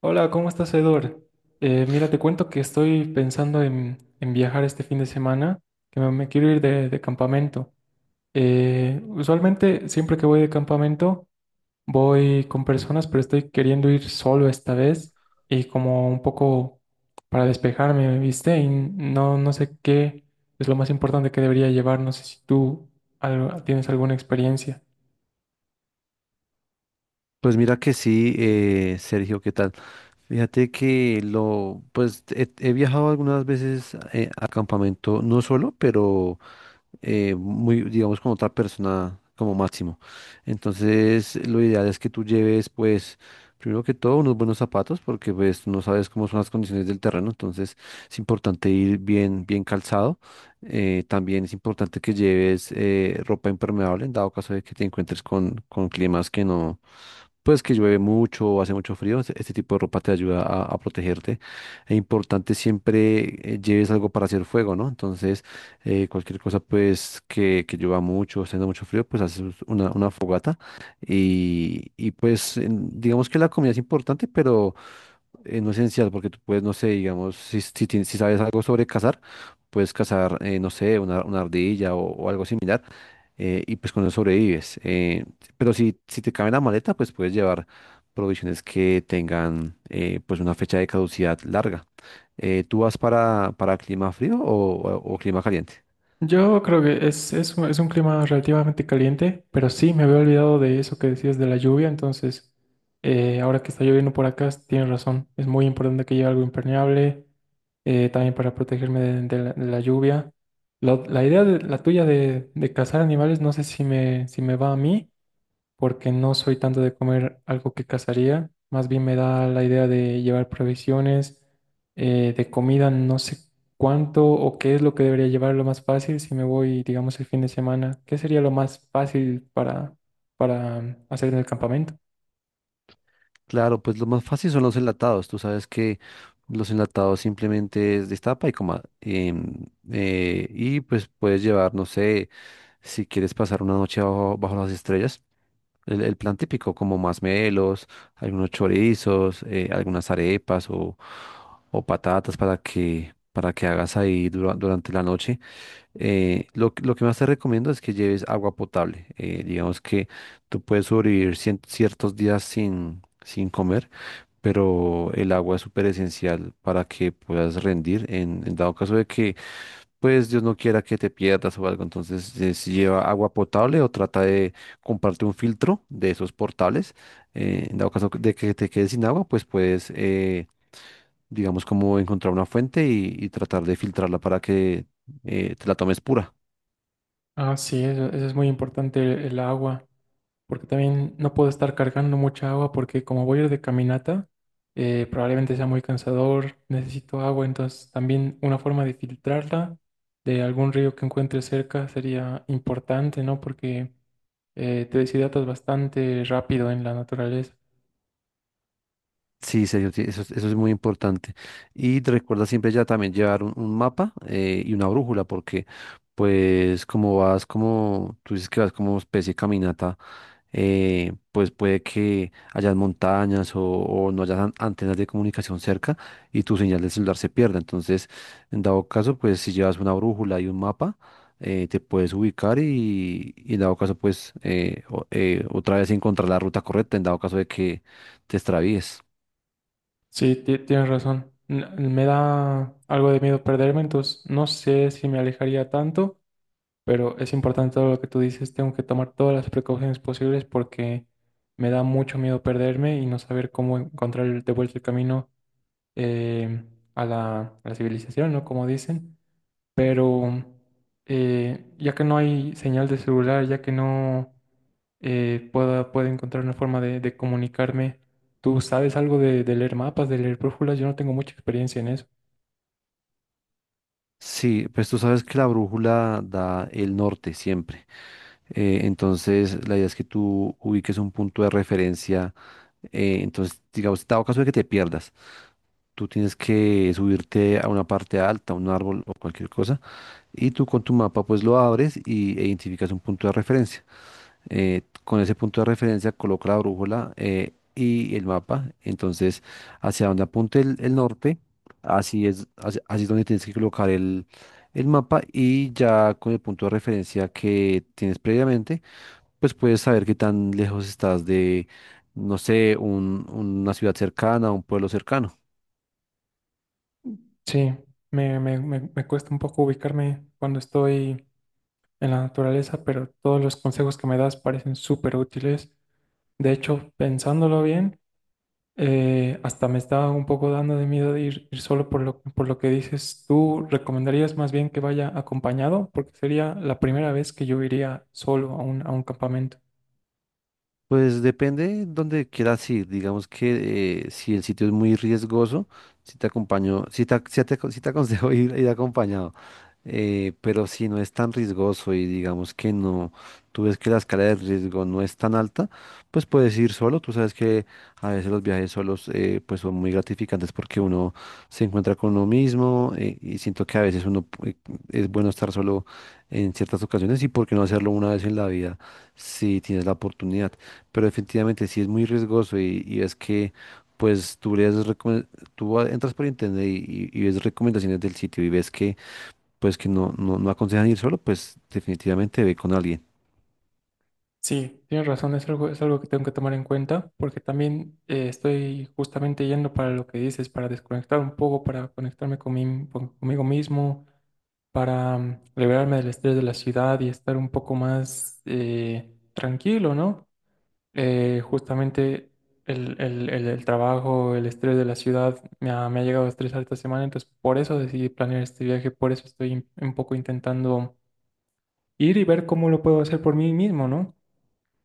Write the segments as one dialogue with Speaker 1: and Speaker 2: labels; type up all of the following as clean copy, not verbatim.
Speaker 1: Hola, ¿cómo estás, Edor? Mira, te cuento que estoy pensando en viajar este fin de semana, que me quiero ir de campamento. Usualmente, siempre que voy de campamento, voy con personas, pero estoy queriendo ir solo esta vez y como un poco para despejarme, ¿viste? Y no sé qué es lo más importante que debería llevar. No sé si tú tienes alguna experiencia.
Speaker 2: Pues mira que sí, Sergio, ¿qué tal? Fíjate que pues he viajado algunas veces a campamento, no solo, pero muy, digamos, con otra persona como máximo. Entonces, lo ideal es que tú lleves, pues, primero que todo, unos buenos zapatos, porque pues no sabes cómo son las condiciones del terreno, entonces es importante ir bien, bien calzado. También es importante que lleves ropa impermeable en dado caso de que te encuentres con climas que no pues que llueve mucho o hace mucho frío, este tipo de ropa te ayuda a protegerte. Es importante siempre lleves algo para hacer fuego, ¿no? Entonces, cualquier cosa pues que llueva mucho, o haciendo mucho frío, pues haces una fogata y pues digamos que la comida es importante, pero no esencial, porque tú puedes, no sé, digamos, si sabes algo sobre cazar, puedes cazar, no sé, una ardilla o algo similar, y pues con eso sobrevives. Pero si te cabe en la maleta, pues puedes llevar provisiones que tengan pues una fecha de caducidad larga. ¿Tú vas para clima frío o clima caliente?
Speaker 1: Yo creo que es es un clima relativamente caliente, pero sí, me había olvidado de eso que decías de la lluvia, entonces ahora que está lloviendo por acá, tienes razón, es muy importante que lleve algo impermeable, también para protegerme de la lluvia. La idea de, la tuya de cazar animales, no sé si si me va a mí, porque no soy tanto de comer algo que cazaría, más bien me da la idea de llevar provisiones, de comida, no sé cuánto o qué es lo que debería llevar lo más fácil si me voy, digamos, el fin de semana, ¿qué sería lo más fácil para hacer en el campamento?
Speaker 2: Claro, pues lo más fácil son los enlatados. Tú sabes que los enlatados simplemente es destapa y coma. Y pues puedes llevar, no sé, si quieres pasar una noche bajo las estrellas, el plan típico, como masmelos, algunos chorizos, algunas arepas o patatas para que hagas ahí durante la noche. Lo que más te recomiendo es que lleves agua potable. Digamos que tú puedes sobrevivir ciertos días sin comer, pero el agua es súper esencial para que puedas rendir en dado caso de que, pues Dios no quiera que te pierdas o algo. Entonces, si lleva agua potable o trata de comprarte un filtro de esos portables, en dado caso de que te quedes sin agua, pues puedes, digamos, como encontrar una fuente y tratar de filtrarla para que te la tomes pura.
Speaker 1: Ah, sí, eso es muy importante, el agua. Porque también no puedo estar cargando mucha agua porque como voy a ir de caminata, probablemente sea muy cansador, necesito agua, entonces también una forma de filtrarla de algún río que encuentre cerca sería importante, ¿no? Porque te deshidratas bastante rápido en la naturaleza.
Speaker 2: Sí, serio, sí, eso es muy importante. Y te recuerda siempre ya también llevar un mapa y una brújula, porque pues como vas como, tú dices que vas como especie de caminata, pues puede que hayan montañas o no hayan antenas de comunicación cerca y tu señal de celular se pierda. Entonces, en dado caso, pues si llevas una brújula y un mapa, te puedes ubicar y en dado caso, pues otra vez encontrar la ruta correcta, en dado caso de que te extravíes.
Speaker 1: Sí, tienes razón. Me da algo de miedo perderme, entonces no sé si me alejaría tanto. Pero es importante todo lo que tú dices, tengo que tomar todas las precauciones posibles porque me da mucho miedo perderme y no saber cómo encontrar de vuelta el camino eh, a a la civilización, ¿no? Como dicen. Pero ya que no hay señal de celular, ya que no puedo encontrar una forma de comunicarme, ¿tú sabes algo de leer mapas, de leer brújulas? Yo no tengo mucha experiencia en eso.
Speaker 2: Sí, pues tú sabes que la brújula da el norte siempre. Entonces, la idea es que tú ubiques un punto de referencia. Entonces, digamos, dado caso de que te pierdas, tú tienes que subirte a una parte alta, un árbol o cualquier cosa, y tú con tu mapa pues lo abres y e identificas un punto de referencia. Con ese punto de referencia coloca la brújula y el mapa. Entonces, hacia donde apunte el norte, así es, así es donde tienes que colocar el mapa, y ya con el punto de referencia que tienes previamente, pues puedes saber qué tan lejos estás de, no sé, una ciudad cercana, un pueblo cercano.
Speaker 1: Sí, me cuesta un poco ubicarme cuando estoy en la naturaleza, pero todos los consejos que me das parecen súper útiles. De hecho, pensándolo bien, hasta me está un poco dando de miedo de ir, ir solo por lo que dices. ¿Tú recomendarías más bien que vaya acompañado? Porque sería la primera vez que yo iría solo a a un campamento.
Speaker 2: Pues depende donde quieras ir. Digamos que si el sitio es muy riesgoso, si te acompaño, si te aconsejo ir acompañado. Pero si no es tan riesgoso y digamos que no, tú ves que la escala de riesgo no es tan alta, pues puedes ir solo. Tú sabes que a veces los viajes solos pues son muy gratificantes porque uno se encuentra con uno mismo, y siento que a veces es bueno estar solo en ciertas ocasiones, y por qué no hacerlo una vez en la vida si tienes la oportunidad. Pero definitivamente si es muy riesgoso y ves que pues tú entras por internet y y ves recomendaciones del sitio y ves que pues que no aconsejan ir solo, pues definitivamente ve con alguien.
Speaker 1: Sí, tienes razón, es algo que tengo que tomar en cuenta, porque también estoy justamente yendo para lo que dices, para desconectar un poco, para conectarme con conmigo mismo para liberarme del estrés de la ciudad y estar un poco más tranquilo, ¿no? Justamente el trabajo, el estrés de la ciudad me ha llegado a estresar esta semana, entonces por eso decidí planear este viaje, por eso estoy un poco intentando ir y ver cómo lo puedo hacer por mí mismo, ¿no?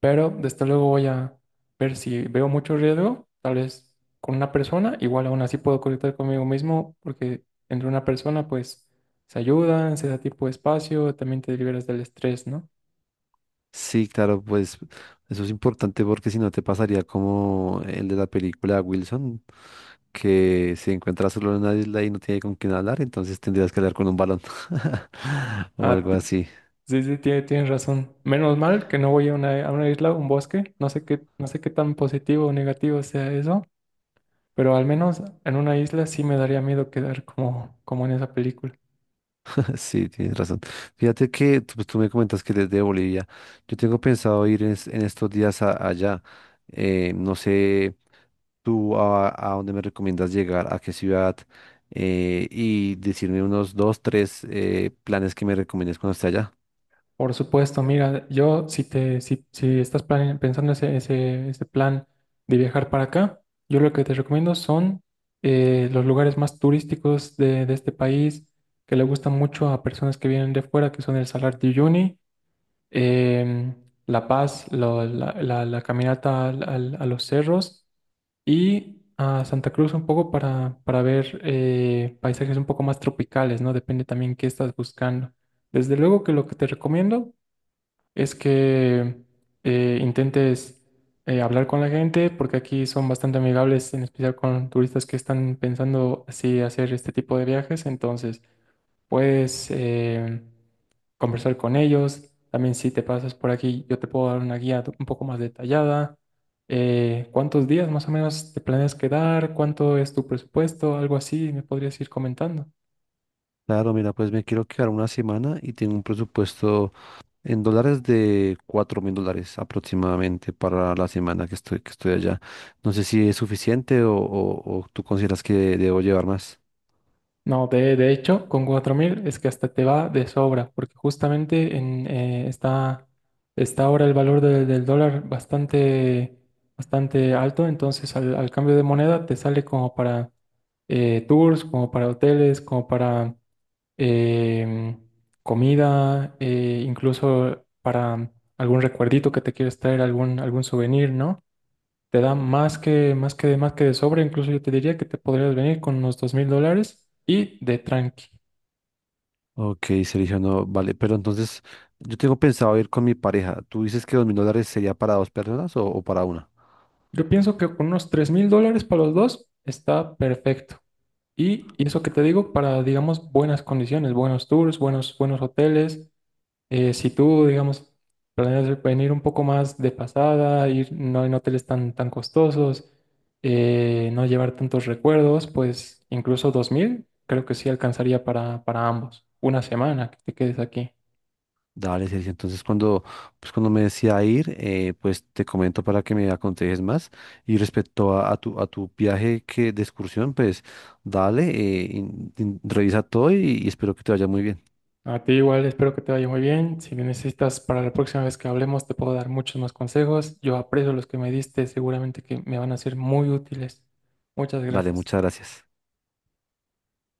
Speaker 1: Pero desde luego voy a ver si veo mucho riesgo, tal vez con una persona, igual aún así puedo conectar conmigo mismo, porque entre una persona pues se ayudan, se da tipo de espacio, también te liberas del estrés, ¿no?
Speaker 2: Sí, claro, pues eso es importante porque si no te pasaría como el de la película Wilson, que se encuentra solo en una isla y no tiene con quién hablar, entonces tendrías que hablar con un balón o
Speaker 1: Ah,
Speaker 2: algo así.
Speaker 1: sí, sí, tienes razón. Menos mal que no voy a a una isla, un bosque, no sé qué, no sé qué tan positivo o negativo sea eso, pero al menos en una isla sí me daría miedo quedar como, como en esa película.
Speaker 2: Sí, tienes razón. Fíjate que tú me comentas que eres de Bolivia. Yo tengo pensado ir en estos días allá. No sé tú a dónde me recomiendas llegar, a qué ciudad, y decirme unos dos, tres planes que me recomiendes cuando esté allá.
Speaker 1: Por supuesto, mira, yo si te, si, si estás pensando ese plan de viajar para acá, yo lo que te recomiendo son los lugares más turísticos de este país que le gustan mucho a personas que vienen de fuera, que son el Salar de Uyuni, em, La Paz, la caminata a los cerros y a Santa Cruz un poco para ver paisajes un poco más tropicales, ¿no? Depende también qué estás buscando. Desde luego que lo que te recomiendo es que intentes hablar con la gente, porque aquí son bastante amigables, en especial con turistas que están pensando así hacer este tipo de viajes. Entonces, puedes conversar con ellos. También si te pasas por aquí, yo te puedo dar una guía un poco más detallada. ¿Cuántos días más o menos te planeas quedar? ¿Cuánto es tu presupuesto? Algo así, me podrías ir comentando.
Speaker 2: Claro, mira, pues me quiero quedar una semana y tengo un presupuesto en dólares de $4,000 aproximadamente para la semana que estoy allá. No sé si es suficiente o tú consideras que debo llevar más.
Speaker 1: No, de hecho, con 4.000 es que hasta te va de sobra, porque justamente está ahora el valor del dólar bastante, bastante alto, entonces al cambio de moneda te sale como para tours, como para hoteles, como para em, comida, incluso para algún recuerdito que te quieres traer, algún souvenir, ¿no? Te da más que de sobra. Incluso yo te diría que te podrías venir con unos 2.000 dólares y de tranqui.
Speaker 2: Ok, seleccionó, vale, pero entonces yo tengo pensado ir con mi pareja. ¿Tú dices que $2,000 sería para dos personas o para una?
Speaker 1: Yo pienso que con unos 3.000 dólares para los dos está perfecto. Y eso que te digo para, digamos, buenas condiciones, buenos tours, buenos hoteles. Si tú, digamos, planeas venir un poco más de pasada, ir no en hoteles tan costosos, no llevar tantos recuerdos, pues incluso 2.000 creo que sí alcanzaría para ambos. Una semana que te quedes aquí.
Speaker 2: Dale, Sergio. Entonces, cuando me decía ir, pues te comento para que me aconsejes más. Y respecto a tu viaje que, de excursión, pues dale, revisa todo y espero que te vaya muy bien.
Speaker 1: A ti igual, espero que te vaya muy bien. Si me necesitas para la próxima vez que hablemos, te puedo dar muchos más consejos. Yo aprecio los que me diste, seguramente que me van a ser muy útiles. Muchas
Speaker 2: Dale,
Speaker 1: gracias.
Speaker 2: muchas gracias.